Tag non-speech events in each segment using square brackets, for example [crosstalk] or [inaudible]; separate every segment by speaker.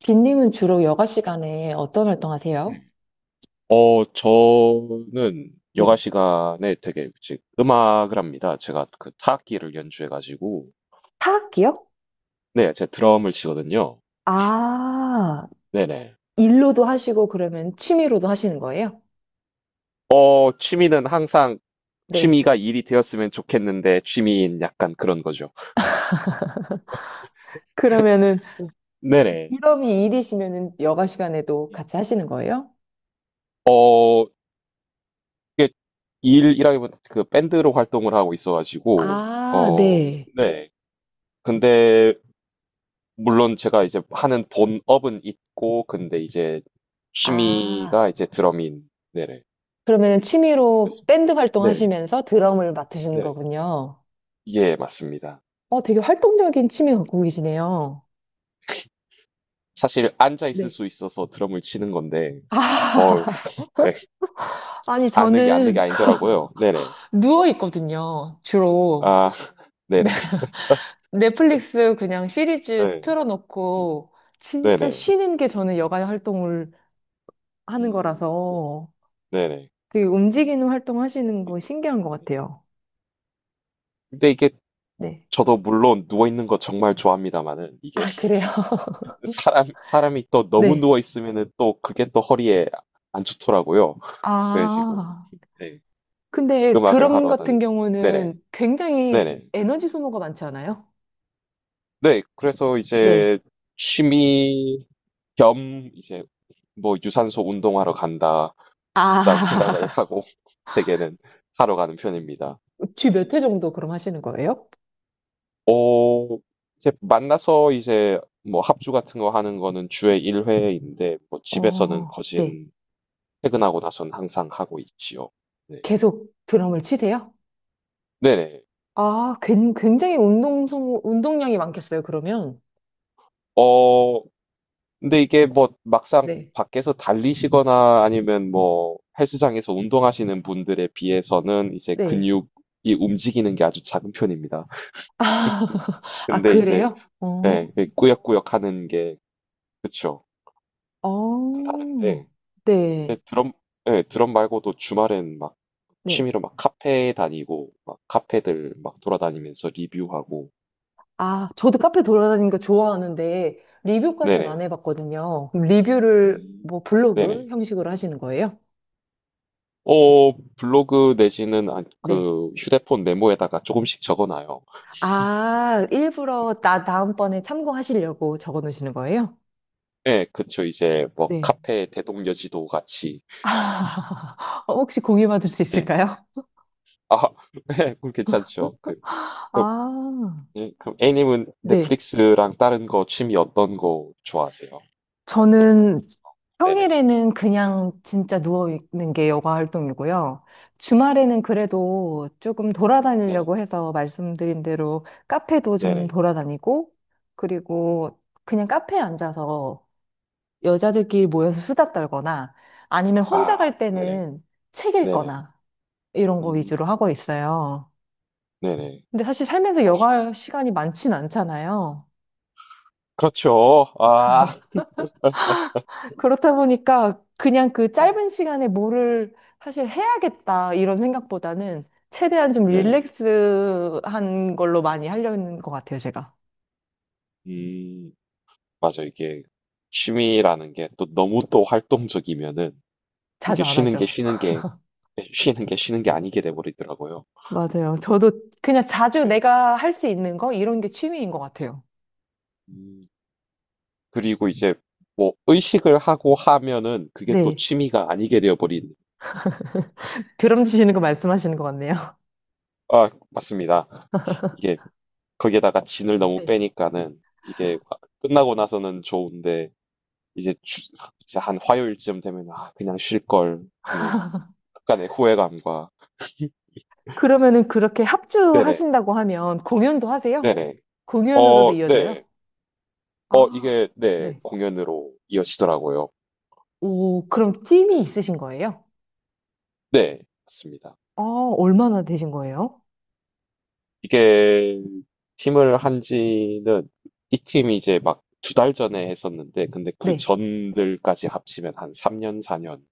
Speaker 1: 빈님은 주로 여가 시간에 어떤
Speaker 2: 음.
Speaker 1: 활동하세요?
Speaker 2: 저는 여가
Speaker 1: 네.
Speaker 2: 시간에 되게 즉 음악을 합니다. 제가 그 타악기를 연주해가지고
Speaker 1: 타악기요?
Speaker 2: 네, 제가 드럼을 치거든요.
Speaker 1: 아,
Speaker 2: 네네.
Speaker 1: 일로도 하시고 그러면 취미로도 하시는 거예요?
Speaker 2: 취미는 항상
Speaker 1: 네.
Speaker 2: 취미가 일이 되었으면 좋겠는데 취미인 약간 그런 거죠.
Speaker 1: 그러면은
Speaker 2: 네네.
Speaker 1: 일업이 일이시면은 여가 시간에도
Speaker 2: 예.
Speaker 1: 같이 하시는 거예요?
Speaker 2: 어, 이게 일이라기보다 그 밴드로 활동을 하고 있어가지고
Speaker 1: 아, 네.
Speaker 2: 네. 근데 물론 제가 이제 하는 본업은 있고, 근데 이제
Speaker 1: 아,
Speaker 2: 취미가 이제 드러민, 네네.
Speaker 1: 그러면은
Speaker 2: 그
Speaker 1: 취미로 밴드
Speaker 2: 네네.
Speaker 1: 활동하시면서 드럼을 맡으시는
Speaker 2: 네네.
Speaker 1: 거군요.
Speaker 2: 예, 맞습니다.
Speaker 1: 어, 되게 활동적인 취미 갖고 계시네요.
Speaker 2: 사실 앉아 있을
Speaker 1: 네.
Speaker 2: 수 있어서 드럼을 치는 건데, 어우,
Speaker 1: 아,
Speaker 2: [laughs] 네,
Speaker 1: [laughs] 아니
Speaker 2: 앉는 게 앉는 게
Speaker 1: 저는 [laughs]
Speaker 2: 아니더라고요. 네네.
Speaker 1: 누워 있거든요, 주로.
Speaker 2: 아, [laughs] 네네.
Speaker 1: 넷플릭스 그냥 시리즈
Speaker 2: 네. 음,
Speaker 1: 틀어놓고 진짜
Speaker 2: 네네.
Speaker 1: 쉬는 게 저는 여가 활동을 하는
Speaker 2: 음,
Speaker 1: 거라서
Speaker 2: 네네.
Speaker 1: 되게 움직이는 활동 하시는 거 신기한 것 같아요.
Speaker 2: 근데 이게
Speaker 1: 네.
Speaker 2: 저도 물론 누워 있는 거 정말 좋아합니다만은 이게
Speaker 1: 아, 그래요? [laughs]
Speaker 2: [laughs] 사람이 또 너무
Speaker 1: 네.
Speaker 2: 누워 있으면은 또 그게 또 허리에 안 좋더라고요. 그래지고
Speaker 1: 아,
Speaker 2: 네,
Speaker 1: 근데
Speaker 2: 음악을
Speaker 1: 드럼
Speaker 2: 하러
Speaker 1: 같은
Speaker 2: 다니는 네네
Speaker 1: 경우는 굉장히
Speaker 2: 네네
Speaker 1: 에너지 소모가 많지 않아요?
Speaker 2: 네 그래서
Speaker 1: 네.
Speaker 2: 이제 취미 겸 이제 뭐 유산소 운동하러 간다라고 생각을
Speaker 1: 아, [laughs]
Speaker 2: 하고 [laughs] 대개는 하러 가는 편입니다.
Speaker 1: 주 몇 회 정도 그럼 하시는 거예요?
Speaker 2: 어 이제 만나서 이제 뭐 합주 같은 거 하는 거는 주에 1회인데 뭐 집에서는
Speaker 1: 어, 네.
Speaker 2: 거진 퇴근하고 나선 항상 하고 있지요. 네.
Speaker 1: 계속 드럼을 치세요?
Speaker 2: 네네.
Speaker 1: 아, 굉장히 운동 소모, 운동량이 많겠어요, 그러면?
Speaker 2: 어 근데 이게 뭐 막상
Speaker 1: 네.
Speaker 2: 밖에서 달리시거나 아니면 뭐 헬스장에서 운동하시는 분들에 비해서는 이제
Speaker 1: 네.
Speaker 2: 근육이 움직이는 게 아주 작은 편입니다.
Speaker 1: 아, [laughs] 아,
Speaker 2: 근데 이제
Speaker 1: 그래요? 어,
Speaker 2: 예, 예, 꾸역꾸역 하는 게 그쵸.
Speaker 1: 어,
Speaker 2: 다른데
Speaker 1: 네,
Speaker 2: 근데 드럼 예, 드럼 말고도 주말엔 막
Speaker 1: 네.
Speaker 2: 취미로 막 카페 다니고 막 카페들 막 돌아다니면서 리뷰하고
Speaker 1: 아, 저도 카페 돌아다니는 거 좋아하는데, 리뷰까지는 안
Speaker 2: 네네.
Speaker 1: 해봤거든요. 그럼 리뷰를
Speaker 2: 음.
Speaker 1: 뭐 블로그
Speaker 2: 네네.
Speaker 1: 형식으로 하시는 거예요?
Speaker 2: 블로그 내지는
Speaker 1: 네.
Speaker 2: 그 휴대폰 메모에다가 조금씩 적어놔요.
Speaker 1: 아, 일부러 나 다음번에 참고하시려고 적어 놓으시는 거예요?
Speaker 2: 예, 그쵸. 이제 뭐
Speaker 1: 네.
Speaker 2: 카페 대동여지도 같이.
Speaker 1: 아, [laughs] 혹시 공유 받을 수
Speaker 2: 예.
Speaker 1: 있을까요?
Speaker 2: 아, [laughs] 예, 그럼 괜찮죠. 그,
Speaker 1: 아,
Speaker 2: 예, 그럼 A님은
Speaker 1: 네.
Speaker 2: 넷플릭스랑 다른 거 취미 어떤 거 좋아하세요? 활동 같은.
Speaker 1: 저는
Speaker 2: 네네.
Speaker 1: 평일에는 그냥 진짜 누워있는 게 여가 활동이고요. 주말에는 그래도 조금
Speaker 2: 네네.
Speaker 1: 돌아다니려고 해서 말씀드린 대로 카페도 좀
Speaker 2: 네네.
Speaker 1: 돌아다니고, 그리고 그냥 카페에 앉아서 여자들끼리 모여서 수다 떨거나 아니면
Speaker 2: 아,
Speaker 1: 혼자 갈
Speaker 2: 네네.
Speaker 1: 때는 책
Speaker 2: 네네.
Speaker 1: 읽거나 이런 거 위주로
Speaker 2: 음,
Speaker 1: 하고 있어요.
Speaker 2: 네네.
Speaker 1: 근데 사실 살면서 여가 시간이 많진 않잖아요.
Speaker 2: 그렇죠. 아,
Speaker 1: 그렇다 보니까 그냥 그
Speaker 2: 네네.
Speaker 1: 짧은 시간에 뭐를 사실 해야겠다 이런 생각보다는 최대한 좀
Speaker 2: 네네.
Speaker 1: 릴렉스한 걸로 많이 하려는 것 같아요, 제가.
Speaker 2: 음, 맞아. 이게 취미라는 게 또 너무 또 활동적이면은 이게
Speaker 1: 자주 안 하죠.
Speaker 2: 쉬는 게 쉬는 게 아니게 돼버리더라고요.
Speaker 1: 맞아요. 저도 그냥 자주
Speaker 2: 네.
Speaker 1: 내가 할 수 있는 거 이런 게 취미인 것 같아요.
Speaker 2: 음, 그리고 이제 뭐 의식을 하고 하면은 그게 또
Speaker 1: 네.
Speaker 2: 취미가 아니게 되어버린.
Speaker 1: 드럼 치시는 거 말씀하시는 것 같네요.
Speaker 2: 아, 맞습니다. 이게 거기에다가 진을 너무
Speaker 1: 네.
Speaker 2: 빼니까는 이게 끝나고 나서는 좋은데 이제, 이제 한 화요일쯤 되면 아, 그냥 쉴 걸 하는 약간의 후회감과 [laughs]
Speaker 1: 그러면은 그렇게
Speaker 2: 네네,
Speaker 1: 합주하신다고 하면 공연도 하세요?
Speaker 2: 네네.
Speaker 1: 공연으로도 이어져요?
Speaker 2: 네.
Speaker 1: 아,
Speaker 2: 이게, 네,
Speaker 1: 네.
Speaker 2: 공연으로 이어지더라고요.
Speaker 1: 오, 그럼 팀이
Speaker 2: 네,
Speaker 1: 있으신 거예요?
Speaker 2: 네, 맞습니다.
Speaker 1: 아, 얼마나 되신 거예요?
Speaker 2: 이게 팀을 한 지는 이 팀이 이제 막 두 달 전에 했었는데 근데 그
Speaker 1: 네.
Speaker 2: 전들까지 합치면 한 3년, 4년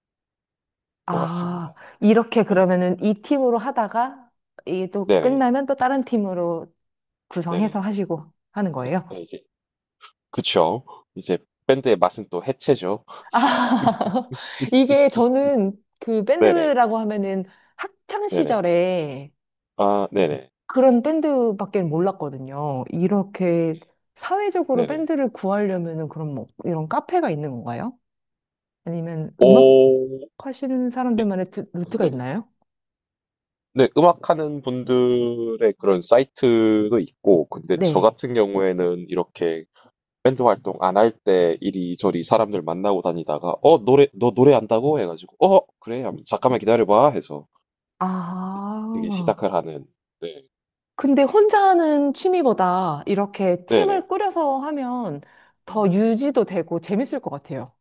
Speaker 2: 것
Speaker 1: 아,
Speaker 2: 같습니다.
Speaker 1: 이렇게
Speaker 2: 네,
Speaker 1: 그러면은 이 팀으로 하다가 이게 또
Speaker 2: 네네,
Speaker 1: 끝나면 또 다른 팀으로
Speaker 2: 네네.
Speaker 1: 구성해서 하시고 하는 거예요?
Speaker 2: 네, 이제 그쵸. 이제 밴드의 맛은 또 해체죠.
Speaker 1: 아, [laughs] 이게 저는 그
Speaker 2: 네네,
Speaker 1: 밴드라고 하면은 학창
Speaker 2: 네네.
Speaker 1: 시절에
Speaker 2: 아, 네네,
Speaker 1: 그런 밴드밖에 몰랐거든요. 이렇게 사회적으로
Speaker 2: 네네.
Speaker 1: 밴드를 구하려면은 그럼 뭐 이런 카페가 있는 건가요? 아니면 음악
Speaker 2: 오,
Speaker 1: 하시는 사람들만의 루트가
Speaker 2: 네.
Speaker 1: 있나요?
Speaker 2: 네, 음악하는 분들의 그런 사이트도 있고, 근데 저
Speaker 1: 네.
Speaker 2: 같은 경우에는 이렇게 밴드 활동 안 할 때 이리저리 사람들 만나고 다니다가 노래 너 노래한다고 해가지고 그래 하면 잠깐만 기다려봐 해서 되게
Speaker 1: 아.
Speaker 2: 시작을 하는 네
Speaker 1: 근데 혼자 하는 취미보다 이렇게 팀을
Speaker 2: 네네
Speaker 1: 꾸려서 하면 더
Speaker 2: 음.
Speaker 1: 유지도 되고 재밌을 것 같아요.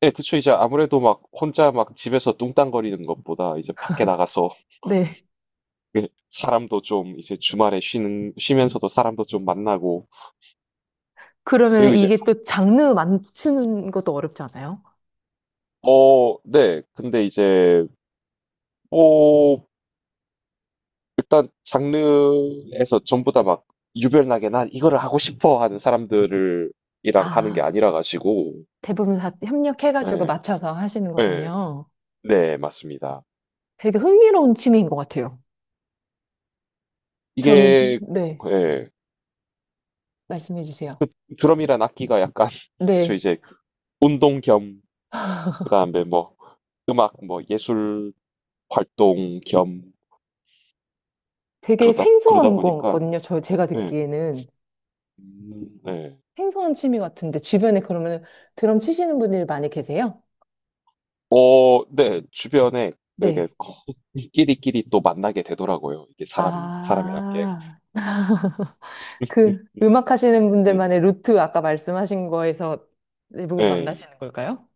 Speaker 2: 네 그쵸 이제 아무래도 막 혼자 막 집에서 뚱땅거리는 것보다 이제 밖에 나가서
Speaker 1: 네.
Speaker 2: [laughs] 사람도 좀 이제 주말에 쉬는 쉬면서도 사람도 좀 만나고
Speaker 1: 그러면
Speaker 2: 그리고 이제
Speaker 1: 이게 또 장르 맞추는 것도 어렵지 않아요?
Speaker 2: 네 근데 이제 뭐 일단 장르에서 전부 다 막 유별나게 난 이거를 하고 싶어 하는 사람들을 이랑 하는 게
Speaker 1: 아,
Speaker 2: 아니라 가지고
Speaker 1: 대부분 다 협력해가지고
Speaker 2: 예,
Speaker 1: 맞춰서 하시는
Speaker 2: 예,
Speaker 1: 거군요.
Speaker 2: 네, 맞습니다.
Speaker 1: 되게 흥미로운 취미인 것 같아요. 저는,
Speaker 2: 이게
Speaker 1: 네,
Speaker 2: 예,
Speaker 1: 말씀해 주세요.
Speaker 2: 드럼이란 악기가 약간 [laughs] 그쵸
Speaker 1: 네.
Speaker 2: 이제 운동 겸 그다음에 뭐 음악 뭐 예술 활동 겸
Speaker 1: 되게
Speaker 2: 그러다
Speaker 1: 생소한 것
Speaker 2: 보니까
Speaker 1: 같거든요. 저, 제가
Speaker 2: 예,
Speaker 1: 듣기에는.
Speaker 2: 예.
Speaker 1: 생소한 취미 같은데, 주변에 그러면 드럼 치시는 분들 많이 계세요?
Speaker 2: 네, 주변에 되게
Speaker 1: 네.
Speaker 2: [laughs] 끼리끼리 또 만나게 되더라고요. 이게 사람이란 게.
Speaker 1: 아. 그
Speaker 2: [laughs]
Speaker 1: 음악 하시는 분들만의 루트 아까 말씀하신 거에서 대부분
Speaker 2: 예,
Speaker 1: 만나시는 걸까요?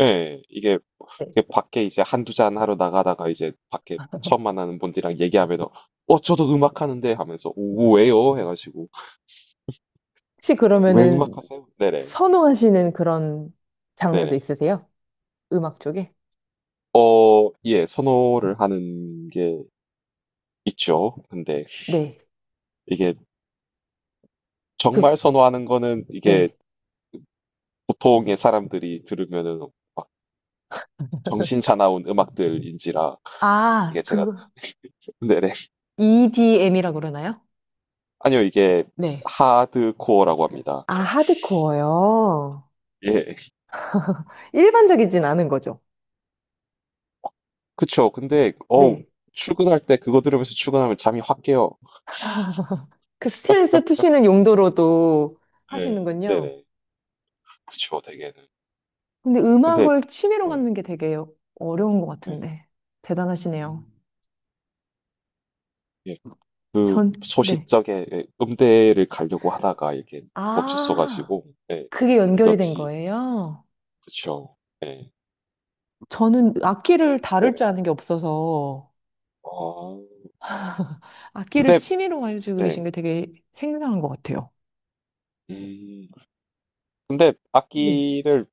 Speaker 2: 예,
Speaker 1: 네.
Speaker 2: 이게 밖에 이제 한두 잔 하러 나가다가 이제 밖에 처음 만나는 분들이랑 얘기하면, 저도 음악 하는데 하면서, 오, 왜요? 해가지고,
Speaker 1: 혹시
Speaker 2: 왜 음악
Speaker 1: 그러면은
Speaker 2: 하세요? 네네,
Speaker 1: 선호하시는 그런 장르도
Speaker 2: 네네.
Speaker 1: 있으세요? 음악 쪽에?
Speaker 2: 예, 선호를 하는 게 있죠. 근데
Speaker 1: 네.
Speaker 2: 이게 정말
Speaker 1: 그,
Speaker 2: 선호하는 거는 이게
Speaker 1: 네.
Speaker 2: 보통의 사람들이 들으면은 막 정신 사나운 음악들인지라, 이게
Speaker 1: 아,
Speaker 2: 제가,
Speaker 1: 그거.
Speaker 2: 네네.
Speaker 1: EDM이라고 그러나요?
Speaker 2: 아니요, 이게
Speaker 1: 네.
Speaker 2: 하드코어라고 합니다.
Speaker 1: 아, 하드코어요.
Speaker 2: 예.
Speaker 1: 일반적이진 않은 거죠.
Speaker 2: 그쵸. 근데, 어우,
Speaker 1: 네.
Speaker 2: 출근할 때 그거 들으면서 출근하면 잠이 확 깨요.
Speaker 1: 그 스트레스 푸시는 용도로도
Speaker 2: 네,
Speaker 1: 하시는군요.
Speaker 2: 네네. 그쵸, 대개는.
Speaker 1: 근데
Speaker 2: 근데,
Speaker 1: 음악을 취미로
Speaker 2: 네,
Speaker 1: 갖는 게 되게 어려운 것
Speaker 2: 네.
Speaker 1: 같은데. 대단하시네요.
Speaker 2: 음, 예, 그
Speaker 1: 전, 네.
Speaker 2: 소싯적에 예, 음대를 가려고 하다가 이게
Speaker 1: 아,
Speaker 2: 멈췄어가지고, 예,
Speaker 1: 그게
Speaker 2: 그게
Speaker 1: 연결이 된
Speaker 2: 어찌,
Speaker 1: 거예요?
Speaker 2: 그쵸. 예,
Speaker 1: 저는 악기를 다룰
Speaker 2: 네네.
Speaker 1: 줄 아는 게 없어서
Speaker 2: 아,
Speaker 1: 악기를
Speaker 2: 근데,
Speaker 1: 취미로 가지고
Speaker 2: 네.
Speaker 1: 계신 게 되게 생생한 것 같아요.
Speaker 2: 음, 근데
Speaker 1: 네.
Speaker 2: 악기를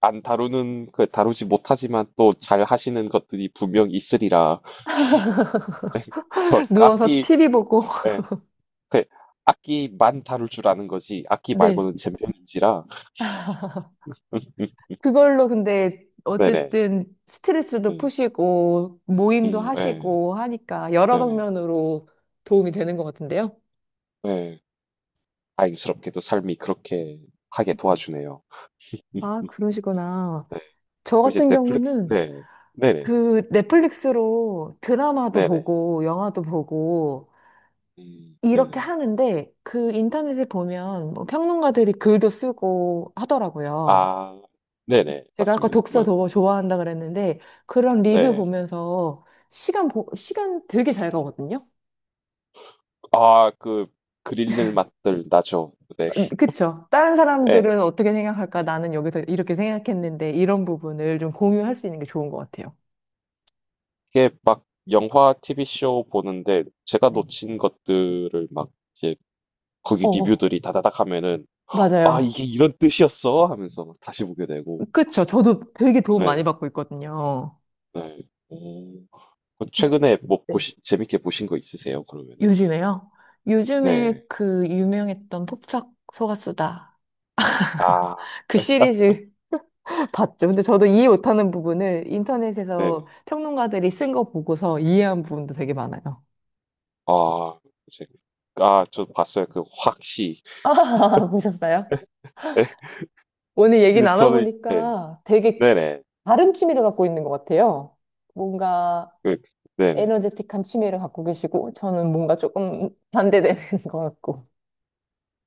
Speaker 2: 안 다루는, 그 다루지 못하지만 또 잘 하시는 것들이 분명 있으리라. [laughs] 저
Speaker 1: 누워서
Speaker 2: 악기,
Speaker 1: TV 보고, [laughs]
Speaker 2: 예, 그 악기만 다룰 줄 아는 거지 악기
Speaker 1: 네.
Speaker 2: 말고는 젬병인지라 음,
Speaker 1: 그걸로 근데
Speaker 2: 네네
Speaker 1: 어쨌든 스트레스도
Speaker 2: 음,
Speaker 1: 푸시고, 모임도
Speaker 2: 네,
Speaker 1: 하시고 하니까 여러
Speaker 2: 네네
Speaker 1: 방면으로 도움이 되는 것 같은데요?
Speaker 2: 예, 다행스럽게도 삶이 그렇게 하게 도와주네요 음,
Speaker 1: 아, 그러시구나.
Speaker 2: 네.
Speaker 1: 저
Speaker 2: 이제
Speaker 1: 같은
Speaker 2: 넷플릭스
Speaker 1: 경우는
Speaker 2: 네 네네
Speaker 1: 그 넷플릭스로 드라마도
Speaker 2: 네네
Speaker 1: 보고, 영화도 보고, 이렇게
Speaker 2: 네네
Speaker 1: 하는데 그 인터넷에 보면 뭐 평론가들이 글도 쓰고 하더라고요.
Speaker 2: 아 네네
Speaker 1: 제가 아까
Speaker 2: 맞습니다
Speaker 1: 독서
Speaker 2: 뭐,
Speaker 1: 더 좋아한다 그랬는데 그런 리뷰
Speaker 2: 네.
Speaker 1: 보면서 시간 되게 잘 가거든요.
Speaker 2: 아, 그 그릴 맛들 나죠 네
Speaker 1: 그쵸? 다른
Speaker 2: 예,
Speaker 1: 사람들은 어떻게 생각할까? 나는 여기서 이렇게 생각했는데 이런 부분을 좀 공유할 수 있는 게 좋은 것 같아요.
Speaker 2: 이게 막 영화 TV쇼 보는데 제가
Speaker 1: 네.
Speaker 2: 놓친 것들을 막 이제 거기
Speaker 1: 어,
Speaker 2: 리뷰들이 다다닥 하면은 '아
Speaker 1: 맞아요.
Speaker 2: 이게 이런 뜻이었어?' 하면서 막 다시 보게 되고.
Speaker 1: 그쵸? 저도 되게 도움 많이
Speaker 2: 네.
Speaker 1: 받고 있거든요.
Speaker 2: 네. 오. 그 최근에 뭐
Speaker 1: 네.
Speaker 2: 보신 재밌게 보신 거 있으세요 그러면은?
Speaker 1: 요즘에요? 요즘에
Speaker 2: 네.
Speaker 1: 그 유명했던 폭삭 속았수다.
Speaker 2: 아.
Speaker 1: 그
Speaker 2: 예.
Speaker 1: 시리즈 [laughs] 봤죠. 근데 저도 이해 못하는 부분을 인터넷에서
Speaker 2: 네네.
Speaker 1: 평론가들이 쓴 거 보고서 이해한 부분도 되게 많아요.
Speaker 2: 아. 제 아 저 봤어요. 그 확시.
Speaker 1: 아, [laughs] 보셨어요?
Speaker 2: 네, 근데
Speaker 1: 오늘 얘기
Speaker 2: 저는 네.
Speaker 1: 나눠보니까 되게
Speaker 2: 네네.
Speaker 1: 다른 취미를 갖고 있는 것 같아요. 뭔가
Speaker 2: 그 네네.
Speaker 1: 에너제틱한 취미를 갖고 계시고, 저는 뭔가 조금 반대되는 [laughs] 것 같고.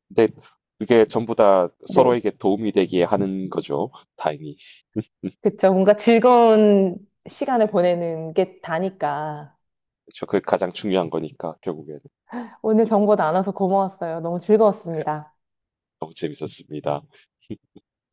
Speaker 2: 근데 그게 전부 다
Speaker 1: 네.
Speaker 2: 서로에게 도움이 되게 하는 거죠 다행히.
Speaker 1: 그쵸. 뭔가 즐거운 시간을
Speaker 2: 네.
Speaker 1: 보내는 게 다니까.
Speaker 2: 그게 가장 중요한 거니까 결국에는.
Speaker 1: 오늘 정보 나눠서 고마웠어요. 너무 즐거웠습니다.
Speaker 2: 너무 재밌었습니다.